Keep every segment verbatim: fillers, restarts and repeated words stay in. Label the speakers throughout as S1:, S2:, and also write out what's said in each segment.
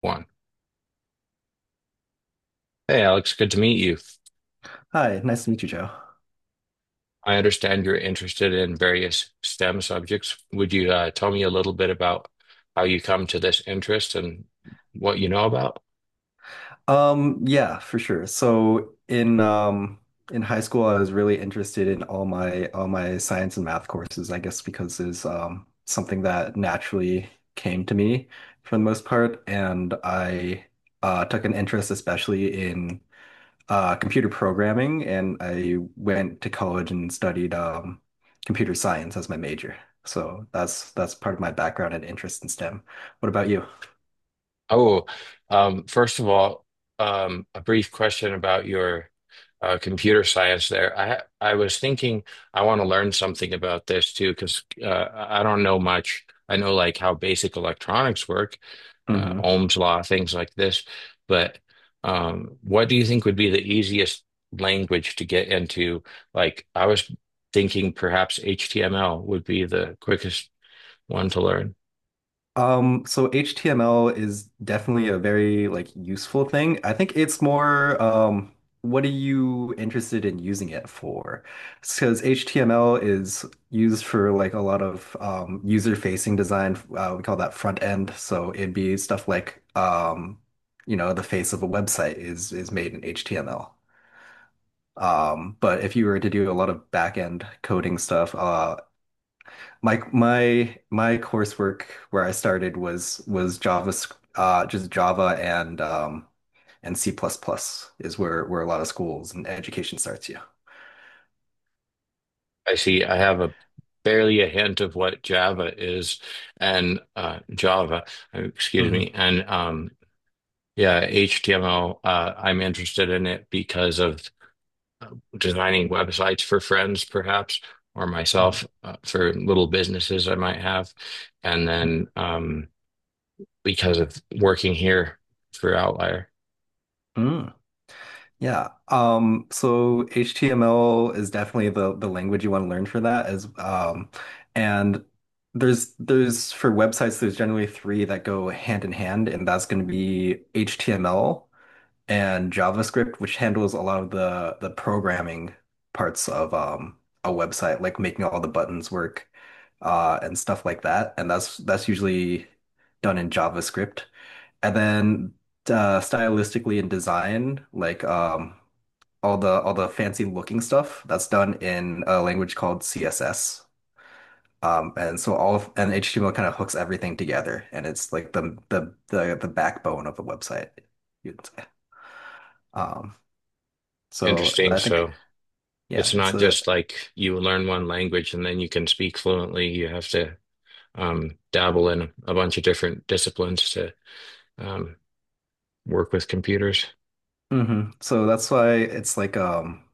S1: One. Hey, Alex, good to meet you.
S2: Hi, nice to meet you, Joe.
S1: I understand you're interested in various S T E M subjects. Would you uh, tell me a little bit about how you come to this interest and what you know about?
S2: Um, yeah, for sure. So in um in high school, I was really interested in all my all my science and math courses, I guess because it's um something that naturally came to me for the most part, and I uh, took an interest especially in uh, computer programming, and I went to college and studied um, computer science as my major. So that's that's part of my background and interest in S T E M. What about you?
S1: Oh, um, first of all, um, a brief question about your uh, computer science there. I I was thinking I want to learn something about this too because uh, I don't know much. I know like how basic electronics work, uh,
S2: Mm-hmm.
S1: Ohm's law, things like this. But um, what do you think would be the easiest language to get into? Like I was thinking perhaps H T M L would be the quickest one to learn.
S2: Um, so H T M L is definitely a very like useful thing. I think it's more um what are you interested in using it for? Because H T M L is used for like a lot of um user-facing design. Uh, we call that front end. So it'd be stuff like um you know the face of a website is is made in H T M L. Um, but if you were to do a lot of back end coding stuff, uh my my my coursework where I started was was Java, uh, just Java and um, and C++ plus plus is where where a lot of schools and education starts. Yeah.
S1: I see I have a barely a hint of what Java is and uh, Java, uh, excuse me,
S2: hmm
S1: and um, yeah, H T M L. Uh, I'm interested in it because of designing websites for friends, perhaps, or myself
S2: hmm
S1: uh, for little businesses I might have, and then um, because of working here for Outlier.
S2: Mm, yeah. Um, so H T M L is definitely the the language you want to learn for that as um and there's there's for websites there's generally three that go hand in hand and that's going to be H T M L and JavaScript, which handles a lot of the the programming parts of um, a website, like making all the buttons work uh, and stuff like that. And that's that's usually done in JavaScript. And then uh, stylistically in design, like um, all the all the fancy looking stuff, that's done in a language called C S S. Um, and so all of, and H T M L kind of hooks everything together, and it's like the the the the backbone of the website, you'd say. Um, so
S1: Interesting.
S2: I think
S1: So it's
S2: yeah, it's
S1: not
S2: a
S1: just like you learn one language and then you can speak fluently. You have to um, dabble in a bunch of different disciplines to um, work with computers.
S2: hmm So that's why it's like um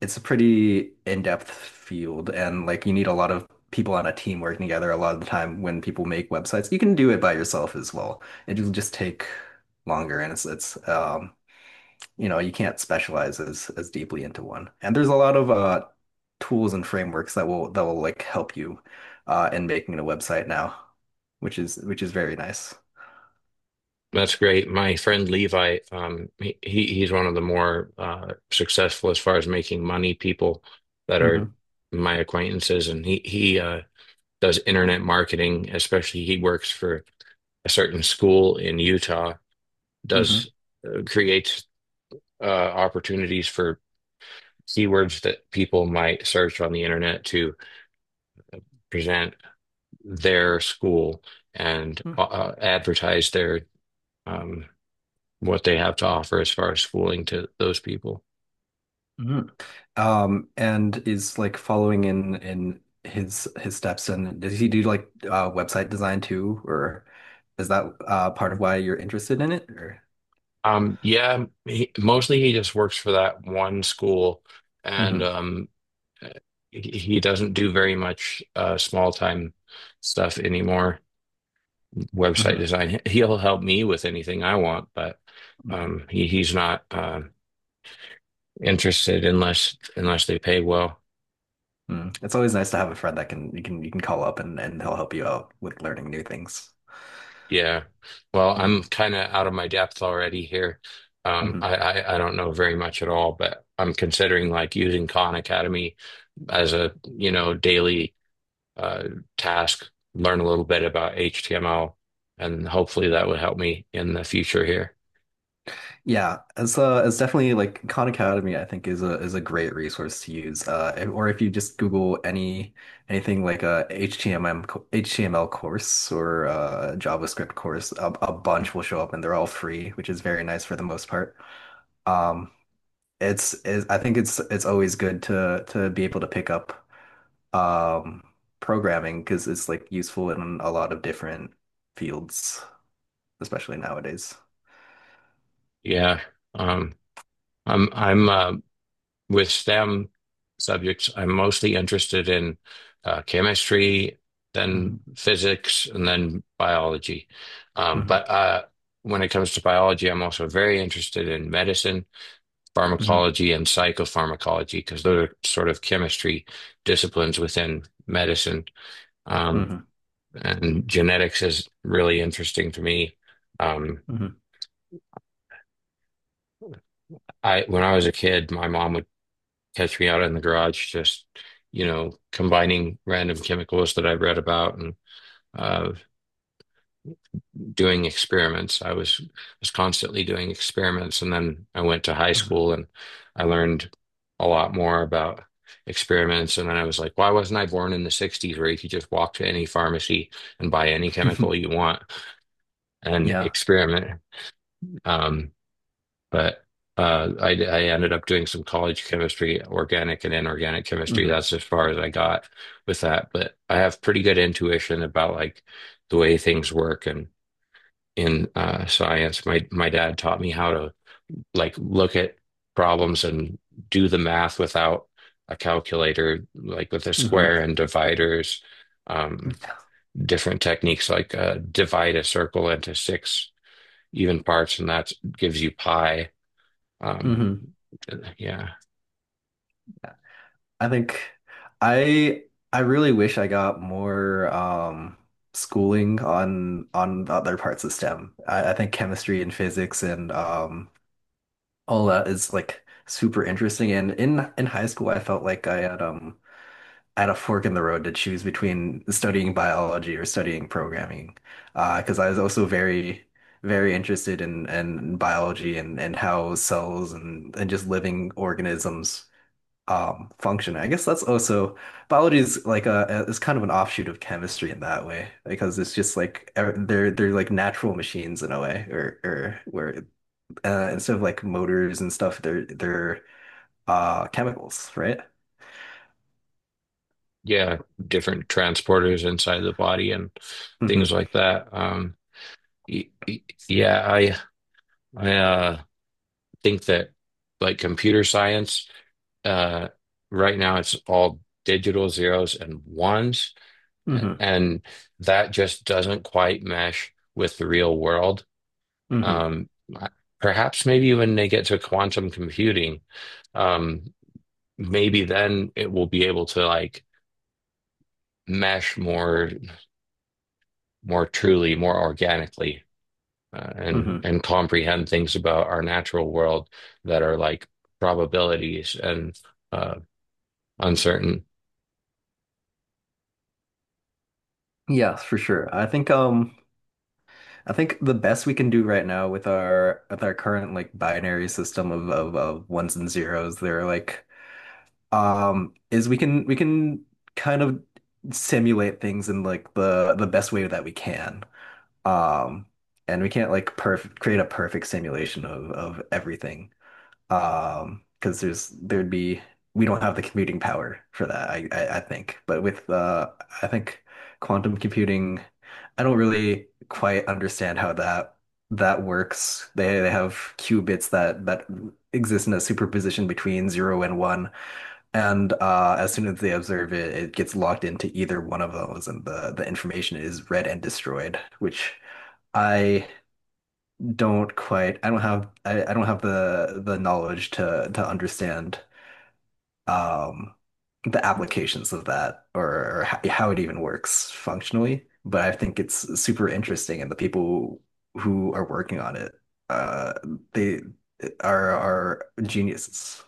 S2: it's a pretty in-depth field and like you need a lot of people on a team working together a lot of the time when people make websites. You can do it by yourself as well. It'll just take longer and it's it's um you know, you can't specialize as as deeply into one. And there's a lot of uh tools and frameworks that will that will like help you uh in making a website now, which is which is very nice.
S1: That's great. My friend Levi, um, he he's one of the more uh, successful as far as making money people that are
S2: hmm
S1: my acquaintances, and he he uh, does internet marketing. Especially, he works for a certain school in Utah. Does
S2: hmm
S1: uh, creates uh, opportunities for keywords that people might search on the internet to present their school and uh, uh, advertise their um, what they have to offer as far as schooling to those people.
S2: hmm Um, and is like following in in his his steps. And does he do like uh, website design too, or is that uh, part of why you're interested in it? Or
S1: Um, yeah, he, mostly he just works for that one school, and
S2: hmm
S1: um, he, he doesn't do very much uh, small time stuff anymore. Website
S2: hmm
S1: design, he'll help me with anything I want, but
S2: hmm
S1: um, he, he's not uh, interested unless unless they pay well.
S2: Mm. It's always nice to have a friend that can you can you can call up and and they'll help you out with learning new things.
S1: Yeah. Well, I'm
S2: hmm
S1: kind of out of my depth already here. Um,
S2: hmm
S1: I, I, I don't know very much at all, but I'm considering like using Khan Academy as a, you know, daily uh, task, learn a little bit about H T M L, and hopefully that would help me in the future here.
S2: Yeah, it's uh, it's definitely like Khan Academy, I think is a is a great resource to use. Uh, if- or if you just Google any anything like a H T M L co- H T M L course or a JavaScript course, a, a bunch will show up, and they're all free, which is very nice for the most part. Um, it's, it's I think it's it's always good to to be able to pick up um programming because it's like useful in a lot of different fields, especially nowadays.
S1: Yeah. Um, I'm I'm uh, with S T E M subjects, I'm mostly interested in uh, chemistry, then
S2: hmm
S1: physics, and then biology. Um,
S2: hmm
S1: but uh, when it comes to biology, I'm also very interested in medicine,
S2: hmm
S1: pharmacology, and psychopharmacology because those are sort of chemistry disciplines within medicine. Um, and genetics is really interesting to me. Um,
S2: hmm
S1: I, when I was a kid, my mom would Catch Me Out in the Garage, just, you know, combining random chemicals that I've read about and uh, doing experiments. I was was constantly doing experiments, and then I went to high
S2: hmm
S1: school and I learned a lot more about experiments. And then I was like, why wasn't I born in the sixties where you could just walk to any pharmacy and buy any chemical you want and
S2: Yeah.
S1: experiment? Um, But uh, I, I ended up doing some college chemistry, organic and inorganic chemistry.
S2: hmm
S1: That's as far as I got with that. But I have pretty good intuition about like the way things work and in uh, science. My my dad taught me how to like look at problems and do the math without a calculator, like with a
S2: hmm
S1: square and dividers, um, different techniques like uh, divide a circle into six even parts, and that gives you pi. Um,
S2: hmm
S1: yeah.
S2: I think I I really wish I got more um schooling on on the other parts of S T E M. I, I think chemistry and physics and um all that is like super interesting. And in in high school I felt like I had um at a fork in the road to choose between studying biology or studying programming. Uh, 'cause because I was also very, very interested in, in biology and, and how cells and, and just living organisms um, function. I guess that's also biology is like a is kind of an offshoot of chemistry in that way because it's just like e- they're they're like natural machines in a way or or where uh, instead of like motors and stuff they're they're uh chemicals, right?
S1: Yeah, different transporters inside the body and things
S2: hmm
S1: like that. Um, y- y- yeah, I I uh, think that like computer science, uh, right now it's all digital zeros and ones, a-
S2: hmm
S1: and that just doesn't quite mesh with the real world.
S2: hmm
S1: Um, perhaps maybe when they get to quantum computing, um, maybe then it will be able to like mesh more more truly, more organically, uh, and
S2: hmm
S1: and comprehend things about our natural world that are like probabilities and uh, uncertain.
S2: Yes, for sure. I think um I think the best we can do right now with our with our current like binary system of of, of ones and zeros, they're like um is we can we can kind of simulate things in like the the best way that we can. Um and we can't like perfect create a perfect simulation of of everything. Um, because there's there'd be we don't have the computing power for that, I, I I think. But with uh I think quantum computing, I don't really quite understand how that that works. They they have qubits that that exist in a superposition between zero and one. And uh as soon as they observe it, it gets locked into either one of those and the the information is read and destroyed, which I don't quite. I don't have I, I don't have the the knowledge to to understand um the applications of that or, or how, how it even works functionally. But I think it's super interesting, and the people who are working on it, uh, they are are geniuses.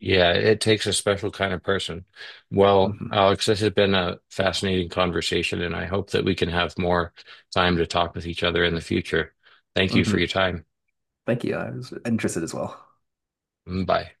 S1: Yeah, it takes a special kind of person. Well,
S2: hmm
S1: Alex, this has been a fascinating conversation, and I hope that we can have more time to talk with each other in the future. Thank you for
S2: hmm
S1: your time.
S2: Thank you. I was interested as well.
S1: Bye.